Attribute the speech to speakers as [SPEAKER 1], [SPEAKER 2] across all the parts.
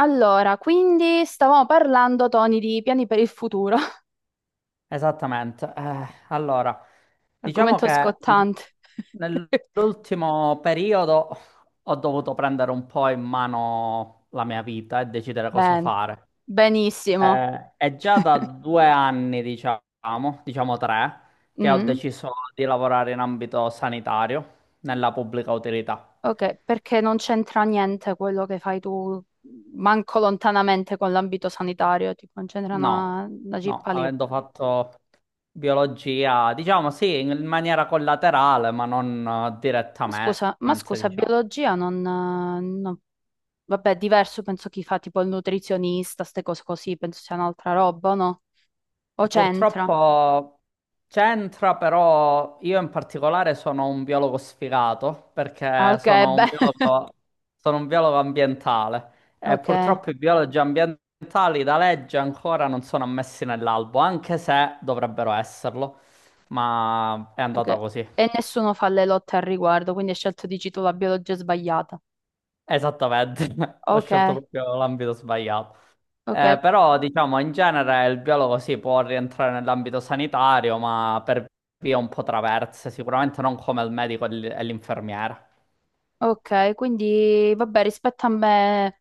[SPEAKER 1] Allora, quindi stavamo parlando, Tony, di piani per il futuro,
[SPEAKER 2] Esattamente. Allora, diciamo
[SPEAKER 1] argomento
[SPEAKER 2] che
[SPEAKER 1] scottante.
[SPEAKER 2] nell'ultimo periodo ho dovuto prendere un po' in mano la mia vita e decidere cosa
[SPEAKER 1] Ben,
[SPEAKER 2] fare.
[SPEAKER 1] benissimo.
[SPEAKER 2] È già da 2 anni, diciamo tre, che ho
[SPEAKER 1] Mm,
[SPEAKER 2] deciso di lavorare in ambito sanitario, nella pubblica utilità.
[SPEAKER 1] ok, perché non c'entra niente quello che fai tu, manco lontanamente con l'ambito sanitario, tipo non c'entra
[SPEAKER 2] No,
[SPEAKER 1] una
[SPEAKER 2] no,
[SPEAKER 1] cippa lì.
[SPEAKER 2] avendo fatto biologia, diciamo sì, in maniera collaterale, ma non direttamente,
[SPEAKER 1] Ma scusa,
[SPEAKER 2] diciamo.
[SPEAKER 1] biologia non, no. Vabbè, diverso penso chi fa tipo il nutrizionista, ste cose così, penso sia un'altra roba, no? O c'entra?
[SPEAKER 2] Purtroppo c'entra, però io in particolare sono un biologo sfigato
[SPEAKER 1] Ah,
[SPEAKER 2] perché
[SPEAKER 1] ok, beh.
[SPEAKER 2] sono un biologo ambientale e
[SPEAKER 1] Ok.
[SPEAKER 2] purtroppo i biologi ambientali da legge ancora non sono ammessi nell'albo, anche se dovrebbero esserlo, ma è
[SPEAKER 1] Ok.
[SPEAKER 2] andata così.
[SPEAKER 1] E nessuno fa le lotte al riguardo, quindi hai scelto, dici tu, la biologia sbagliata.
[SPEAKER 2] Esattamente, ho
[SPEAKER 1] Ok,
[SPEAKER 2] scelto proprio l'ambito sbagliato.
[SPEAKER 1] ok,
[SPEAKER 2] Però diciamo in genere il biologo si può rientrare nell'ambito sanitario, ma per vie un po' traverse, sicuramente non come il medico e l'infermiera.
[SPEAKER 1] ok, quindi vabbè, rispetto a me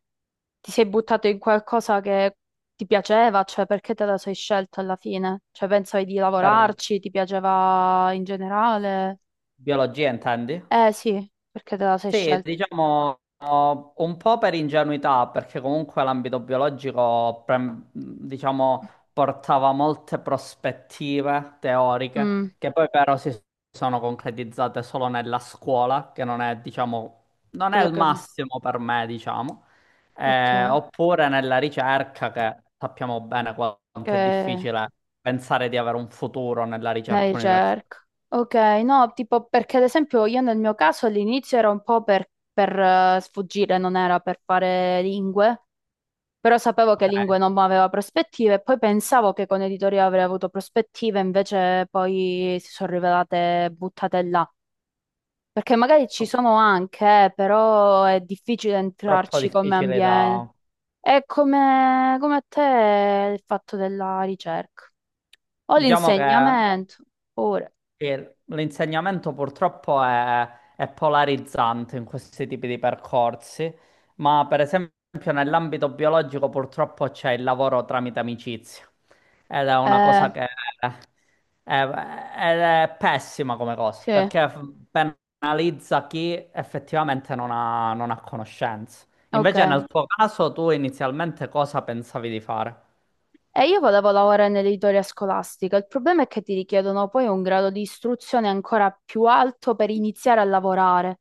[SPEAKER 1] ti sei buttato in qualcosa che ti piaceva, cioè perché te la sei scelta alla fine? Cioè pensavi di
[SPEAKER 2] Per
[SPEAKER 1] lavorarci, ti piaceva in generale?
[SPEAKER 2] biologia intendi?
[SPEAKER 1] Eh sì, perché te la sei
[SPEAKER 2] Sì,
[SPEAKER 1] scelta?
[SPEAKER 2] diciamo oh, un po' per ingenuità, perché comunque l'ambito biologico, diciamo, portava molte prospettive
[SPEAKER 1] Mm,
[SPEAKER 2] teoriche che poi però si sono concretizzate solo nella scuola, che non è, diciamo, non è
[SPEAKER 1] quello
[SPEAKER 2] il
[SPEAKER 1] che fai.
[SPEAKER 2] massimo per me, diciamo.
[SPEAKER 1] Ok,
[SPEAKER 2] Oppure nella ricerca, che sappiamo bene quanto è
[SPEAKER 1] ok.
[SPEAKER 2] difficile pensare di avere un futuro nella
[SPEAKER 1] La
[SPEAKER 2] ricerca universitaria.
[SPEAKER 1] ricerca. Ok, no, tipo perché ad esempio io nel mio caso all'inizio era un po' per sfuggire, non era per fare lingue, però sapevo che
[SPEAKER 2] Ok.
[SPEAKER 1] lingue non aveva prospettive e poi pensavo che con editoria avrei avuto prospettive, invece poi si sono rivelate buttate là. Perché magari ci sono anche, però è difficile
[SPEAKER 2] Troppo
[SPEAKER 1] entrarci come
[SPEAKER 2] difficile
[SPEAKER 1] ambiente.
[SPEAKER 2] da...
[SPEAKER 1] È come a te il fatto della ricerca. O
[SPEAKER 2] Diciamo che...
[SPEAKER 1] l'insegnamento, pure.
[SPEAKER 2] E l'insegnamento purtroppo è polarizzante in questi tipi di percorsi, ma per esempio nell'ambito biologico purtroppo c'è il lavoro tramite amicizia ed è una
[SPEAKER 1] Eh,
[SPEAKER 2] cosa che è pessima come cosa
[SPEAKER 1] Sì,
[SPEAKER 2] perché penalizza chi effettivamente non ha conoscenze.
[SPEAKER 1] ok.
[SPEAKER 2] Invece nel tuo caso tu inizialmente cosa pensavi di fare?
[SPEAKER 1] E io volevo lavorare nell'editoria scolastica. Il problema è che ti richiedono poi un grado di istruzione ancora più alto per iniziare a lavorare.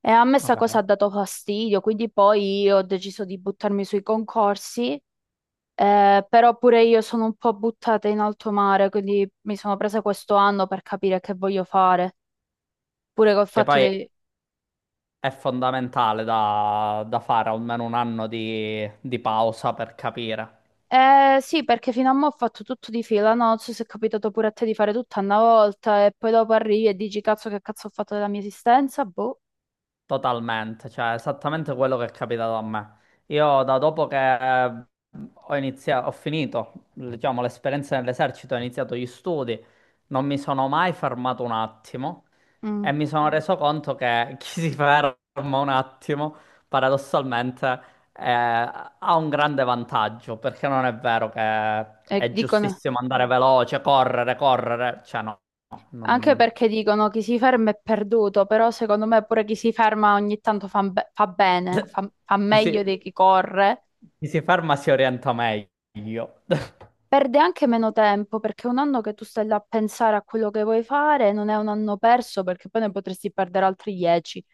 [SPEAKER 1] E a me sta cosa ha
[SPEAKER 2] Ok.
[SPEAKER 1] dato fastidio, quindi poi io ho deciso di buttarmi sui concorsi, però pure io sono un po' buttata in alto mare, quindi mi sono presa questo anno per capire che voglio fare, pure col
[SPEAKER 2] Che
[SPEAKER 1] fatto
[SPEAKER 2] poi
[SPEAKER 1] dei.
[SPEAKER 2] È fondamentale da fare almeno un anno di pausa per capire.
[SPEAKER 1] Sì, perché fino a mo' ho fatto tutto di fila, no? Non so se è capitato pure a te di fare tutto a una volta e poi dopo arrivi e dici cazzo che cazzo ho fatto della mia esistenza, boh.
[SPEAKER 2] Totalmente, cioè esattamente quello che è capitato a me. Io da dopo che eh, ho iniziato, ho finito, diciamo, l'esperienza nell'esercito, ho iniziato gli studi, non mi sono mai fermato un attimo e
[SPEAKER 1] Mm.
[SPEAKER 2] mi sono reso conto che chi si ferma un attimo, paradossalmente, eh, ha un grande vantaggio, perché non è vero che
[SPEAKER 1] E
[SPEAKER 2] è
[SPEAKER 1] dicono,
[SPEAKER 2] giustissimo andare veloce, correre, correre, cioè no, no.
[SPEAKER 1] anche perché dicono chi si ferma è perduto, però secondo me pure chi si ferma ogni tanto fa, fa bene, fa
[SPEAKER 2] Chi si,
[SPEAKER 1] meglio di chi corre.
[SPEAKER 2] chi si farma si orienta meglio.
[SPEAKER 1] Perde anche meno tempo perché un anno che tu stai là a pensare a quello che vuoi fare non è un anno perso perché poi ne potresti perdere altri 10.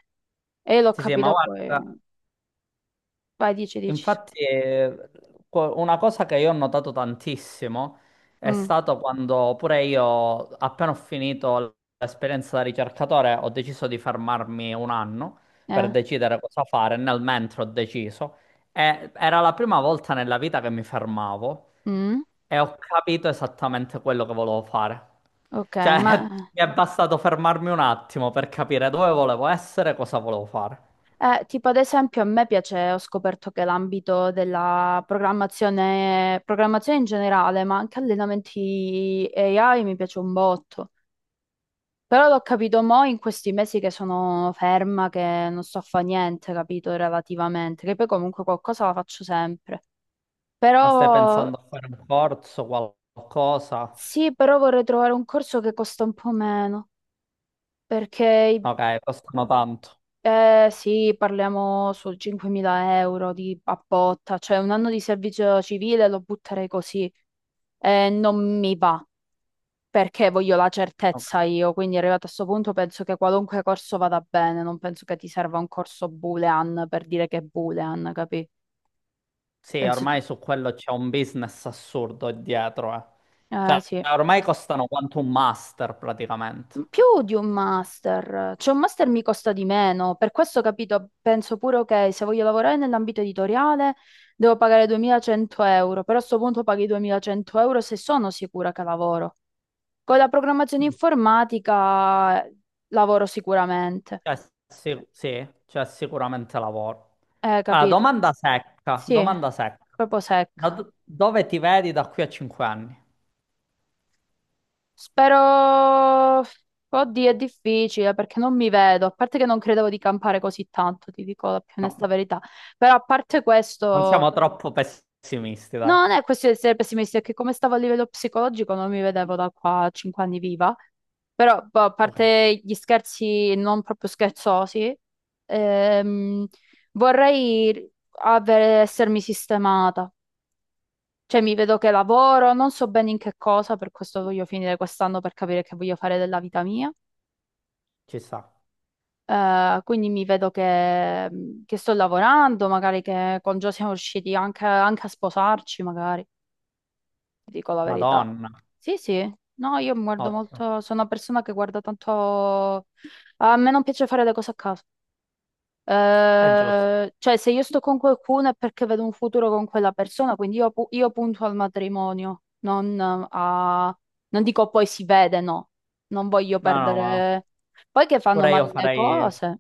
[SPEAKER 1] E io l'ho
[SPEAKER 2] Sì, sì, ma
[SPEAKER 1] capito poi.
[SPEAKER 2] guarda.
[SPEAKER 1] Vai, dici, dici.
[SPEAKER 2] Infatti, una cosa che io ho notato tantissimo è
[SPEAKER 1] Mm,
[SPEAKER 2] stato quando pure io, appena ho finito l'esperienza da ricercatore, ho deciso di fermarmi un anno per
[SPEAKER 1] eh.
[SPEAKER 2] decidere cosa fare. Nel mentre ho deciso, e era la prima volta nella vita che mi fermavo
[SPEAKER 1] Mm,
[SPEAKER 2] e ho capito esattamente quello che volevo fare.
[SPEAKER 1] ok,
[SPEAKER 2] Cioè,
[SPEAKER 1] ma
[SPEAKER 2] mi è bastato fermarmi un attimo per capire dove volevo essere e cosa volevo fare.
[SPEAKER 1] tipo ad esempio a me piace, ho scoperto che l'ambito della programmazione, programmazione in generale, ma anche allenamenti AI mi piace un botto. Però l'ho capito mo in questi mesi che sono ferma, che non sto a fare niente, capito, relativamente, che poi comunque qualcosa la faccio sempre.
[SPEAKER 2] Ma stai
[SPEAKER 1] Però
[SPEAKER 2] pensando a fare un corso, qualcosa?
[SPEAKER 1] sì, però vorrei trovare un corso che costa un po' meno, perché i.
[SPEAKER 2] Ok, costano tanto.
[SPEAKER 1] Sì, parliamo su 5.000 euro di a botta, cioè un anno di servizio civile lo butterei così. Non mi va, perché voglio la
[SPEAKER 2] Ok.
[SPEAKER 1] certezza io, quindi arrivato a questo punto penso che qualunque corso vada bene, non penso che ti serva un corso boolean per dire che è boolean, capì?
[SPEAKER 2] Sì,
[SPEAKER 1] Penso ti.
[SPEAKER 2] ormai su quello c'è un business assurdo dietro, eh. Cioè,
[SPEAKER 1] Sì.
[SPEAKER 2] ormai costano quanto un master praticamente.
[SPEAKER 1] Più di un master, cioè un master mi costa di meno, per questo capito, penso pure ok, se voglio lavorare nell'ambito editoriale devo pagare 2.100 euro, però a sto punto paghi 2.100 euro se sono sicura che lavoro. Con la programmazione informatica, lavoro sicuramente,
[SPEAKER 2] Cioè, sì, sì, c'è sicuramente lavoro. Ah,
[SPEAKER 1] capito?
[SPEAKER 2] domanda secca,
[SPEAKER 1] Sì,
[SPEAKER 2] domanda secca.
[SPEAKER 1] proprio
[SPEAKER 2] Da
[SPEAKER 1] secca.
[SPEAKER 2] do- dove ti vedi da qui a 5 anni?
[SPEAKER 1] Spero, oddio, è difficile perché non mi vedo, a parte che non credevo di campare così tanto, ti dico la più onesta
[SPEAKER 2] No,
[SPEAKER 1] verità. Però a parte
[SPEAKER 2] non
[SPEAKER 1] questo.
[SPEAKER 2] siamo troppo pessimisti, dai.
[SPEAKER 1] No, non è questione di essere pessimisti, è che come stavo a livello psicologico non mi vedevo da qua a 5 anni viva. Però, boh, a
[SPEAKER 2] Ok,
[SPEAKER 1] parte gli scherzi non proprio scherzosi, ehm, vorrei essermi sistemata. Cioè, mi vedo che lavoro, non so bene in che cosa, per questo voglio finire quest'anno per capire che voglio fare della vita mia.
[SPEAKER 2] ci sta.
[SPEAKER 1] Quindi mi vedo che sto lavorando, magari che con Gio siamo riusciti anche, anche a sposarci, magari. Ti dico la verità.
[SPEAKER 2] Madonna,
[SPEAKER 1] Sì, sì, no, io mi guardo
[SPEAKER 2] ottimo.
[SPEAKER 1] molto, sono una persona che guarda tanto. A me non piace fare le cose a caso.
[SPEAKER 2] È giusto.
[SPEAKER 1] Cioè, se io sto con qualcuno è perché vedo un futuro con quella persona, quindi io punto al matrimonio, non a. Non dico poi si vede, no. Non voglio
[SPEAKER 2] No, no, ma...
[SPEAKER 1] perdere. Poi che fanno
[SPEAKER 2] Pure io
[SPEAKER 1] male le
[SPEAKER 2] farei,
[SPEAKER 1] cose.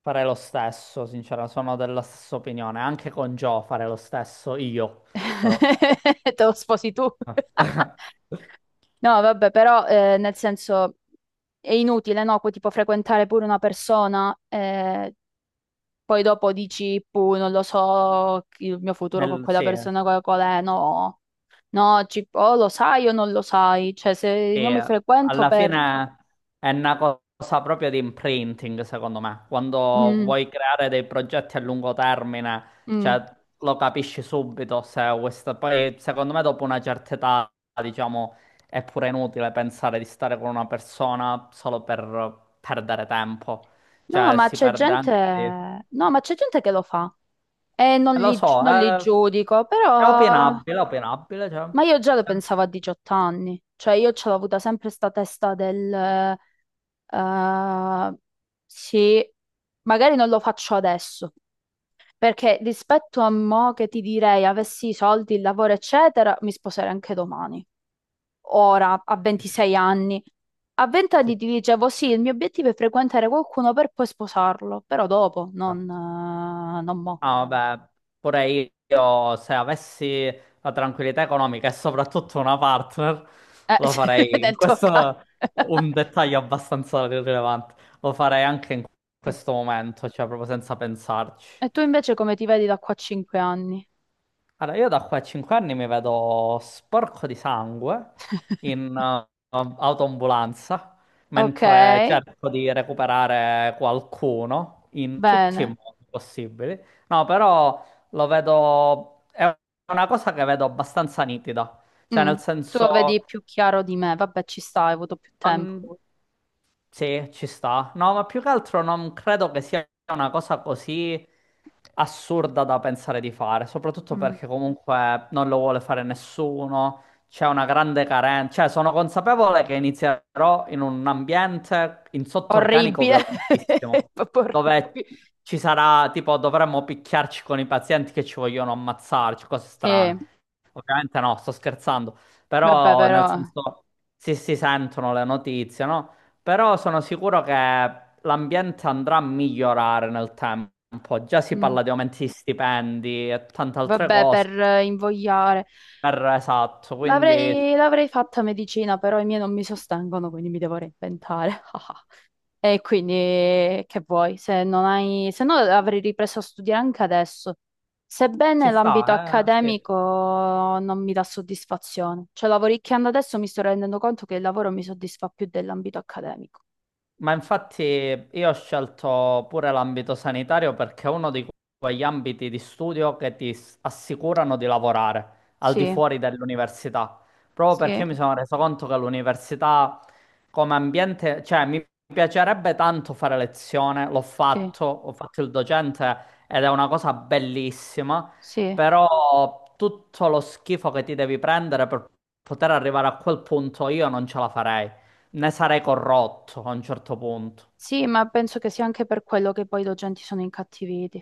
[SPEAKER 2] farei lo stesso, sincero, sono della stessa opinione. Anche con Joe farei lo stesso io, però.
[SPEAKER 1] Te lo sposi tu. No, vabbè, però nel senso è inutile, no? Poi, tipo frequentare pure una persona, poi dopo dici, puh, non lo so, il mio futuro con
[SPEAKER 2] Nel-
[SPEAKER 1] quella
[SPEAKER 2] sì, eh.
[SPEAKER 1] persona qual è, no, no, o lo sai o non lo sai, cioè se
[SPEAKER 2] E
[SPEAKER 1] io mi frequento
[SPEAKER 2] alla
[SPEAKER 1] per.
[SPEAKER 2] fine è una cosa proprio di imprinting, secondo me. Quando
[SPEAKER 1] Mm,
[SPEAKER 2] vuoi creare dei progetti a lungo termine,
[SPEAKER 1] mm.
[SPEAKER 2] cioè, lo capisci subito se questa... Poi, secondo me, dopo una certa età, diciamo, è pure inutile pensare di stare con una persona solo per perdere tempo.
[SPEAKER 1] No,
[SPEAKER 2] Cioè,
[SPEAKER 1] ma
[SPEAKER 2] si
[SPEAKER 1] c'è
[SPEAKER 2] perde anche di...
[SPEAKER 1] gente. No, ma c'è gente che lo fa e non
[SPEAKER 2] Lo
[SPEAKER 1] li, gi-
[SPEAKER 2] so,
[SPEAKER 1] non li
[SPEAKER 2] è,
[SPEAKER 1] giudico,
[SPEAKER 2] è
[SPEAKER 1] però.
[SPEAKER 2] opinabile, è opinabile, cioè...
[SPEAKER 1] Ma io già lo
[SPEAKER 2] cioè,
[SPEAKER 1] pensavo a 18 anni, cioè io ce l'ho avuta sempre sta testa del. Eh, sì, magari non lo faccio adesso, perché rispetto a mo che ti direi avessi i soldi, il lavoro, eccetera, mi sposerei anche domani. Ora, a 26 anni. A 20
[SPEAKER 2] ci
[SPEAKER 1] anni ti dicevo sì, il mio obiettivo è frequentare qualcuno per poi sposarlo, però dopo,
[SPEAKER 2] sta.
[SPEAKER 1] non mo.
[SPEAKER 2] Ah, vabbè, pure io se avessi la tranquillità economica e soprattutto una partner, lo
[SPEAKER 1] Sì,
[SPEAKER 2] farei.
[SPEAKER 1] nel tuo caso.
[SPEAKER 2] Questo è un dettaglio abbastanza rilevante. Lo farei anche in questo momento, cioè proprio senza pensarci.
[SPEAKER 1] E tu invece come ti vedi da qua a 5 anni?
[SPEAKER 2] Allora, io da qua a 5 anni mi vedo sporco di sangue in autoambulanza,
[SPEAKER 1] Ok,
[SPEAKER 2] mentre cerco di recuperare qualcuno in tutti i
[SPEAKER 1] bene.
[SPEAKER 2] modi possibili. No, però lo vedo, è una cosa che vedo abbastanza nitida, cioè
[SPEAKER 1] Mm.
[SPEAKER 2] nel
[SPEAKER 1] Tu lo
[SPEAKER 2] senso.
[SPEAKER 1] vedi più chiaro di me. Vabbè, ci sta, hai avuto più tempo.
[SPEAKER 2] Um, sì, ci sta. No, ma più che altro non credo che sia una cosa così assurda da pensare di fare, soprattutto
[SPEAKER 1] Mm.
[SPEAKER 2] perché comunque non lo vuole fare nessuno, c'è una grande carenza, cioè sono consapevole che inizierò in un ambiente in sottorganico
[SPEAKER 1] Orribile,
[SPEAKER 2] violentissimo,
[SPEAKER 1] proprio orribile.
[SPEAKER 2] dove ci sarà, tipo, dovremmo picchiarci con i pazienti che ci vogliono ammazzarci, cose
[SPEAKER 1] Sì,
[SPEAKER 2] strane. Ovviamente no, sto scherzando.
[SPEAKER 1] vabbè,
[SPEAKER 2] Però nel
[SPEAKER 1] però.
[SPEAKER 2] senso sì, si sentono le notizie, no? Però sono sicuro che l'ambiente andrà a migliorare nel tempo. Già si
[SPEAKER 1] Mm.
[SPEAKER 2] parla di aumenti di stipendi e tante altre
[SPEAKER 1] Vabbè,
[SPEAKER 2] cose.
[SPEAKER 1] per invogliare.
[SPEAKER 2] Esatto, quindi
[SPEAKER 1] L'avrei fatta medicina, però i miei non mi sostengono, quindi mi devo reinventare. E quindi che vuoi? Se non hai, se no avrei ripreso a studiare anche adesso.
[SPEAKER 2] ci
[SPEAKER 1] Sebbene l'ambito
[SPEAKER 2] sta, eh? Sì.
[SPEAKER 1] accademico non mi dà soddisfazione, cioè lavoricchiando adesso mi sto rendendo conto che il lavoro mi soddisfa più dell'ambito accademico.
[SPEAKER 2] Ma infatti io ho scelto pure l'ambito sanitario perché è uno di quegli ambiti di studio che ti assicurano di lavorare al di
[SPEAKER 1] Sì,
[SPEAKER 2] fuori dell'università, proprio perché
[SPEAKER 1] sì,
[SPEAKER 2] io mi sono reso conto che l'università come ambiente, cioè mi piacerebbe tanto fare lezione, l'ho
[SPEAKER 1] sì,
[SPEAKER 2] fatto, ho fatto il docente ed è una cosa bellissima,
[SPEAKER 1] sì,
[SPEAKER 2] però tutto lo schifo che ti devi prendere per poter arrivare a quel punto io non ce la farei. Ne sarei corrotto a un certo punto.
[SPEAKER 1] sì, ma penso che sia anche per quello che poi i docenti sono incattiviti.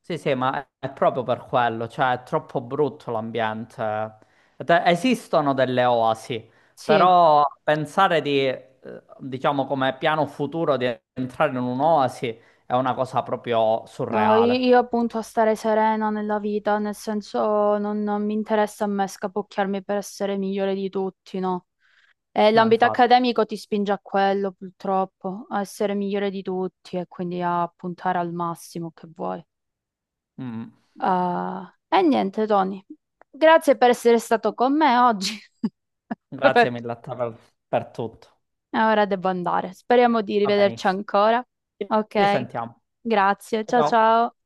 [SPEAKER 2] Sì, sì, ma è proprio per quello, cioè è troppo brutto l'ambiente. Esistono delle oasi,
[SPEAKER 1] Sì,
[SPEAKER 2] però pensare di, diciamo, come piano futuro di entrare in un'oasi è una cosa proprio
[SPEAKER 1] no, io,
[SPEAKER 2] surreale.
[SPEAKER 1] io appunto a stare serena nella vita, nel senso non mi interessa a me scapocchiarmi per essere migliore di tutti, no?
[SPEAKER 2] No,
[SPEAKER 1] L'ambito
[SPEAKER 2] infatti.
[SPEAKER 1] accademico ti spinge a quello, purtroppo, a essere migliore di tutti e quindi a puntare al massimo che vuoi.
[SPEAKER 2] Mm.
[SPEAKER 1] Ah, e niente, Tony, grazie per essere stato con me oggi.
[SPEAKER 2] Grazie mille a te per tutto.
[SPEAKER 1] E ora devo andare. Speriamo di
[SPEAKER 2] Va
[SPEAKER 1] rivederci
[SPEAKER 2] benissimo.
[SPEAKER 1] ancora.
[SPEAKER 2] Ci
[SPEAKER 1] Ok,
[SPEAKER 2] risentiamo.
[SPEAKER 1] grazie.
[SPEAKER 2] Ciao.
[SPEAKER 1] Ciao
[SPEAKER 2] Ciao.
[SPEAKER 1] ciao.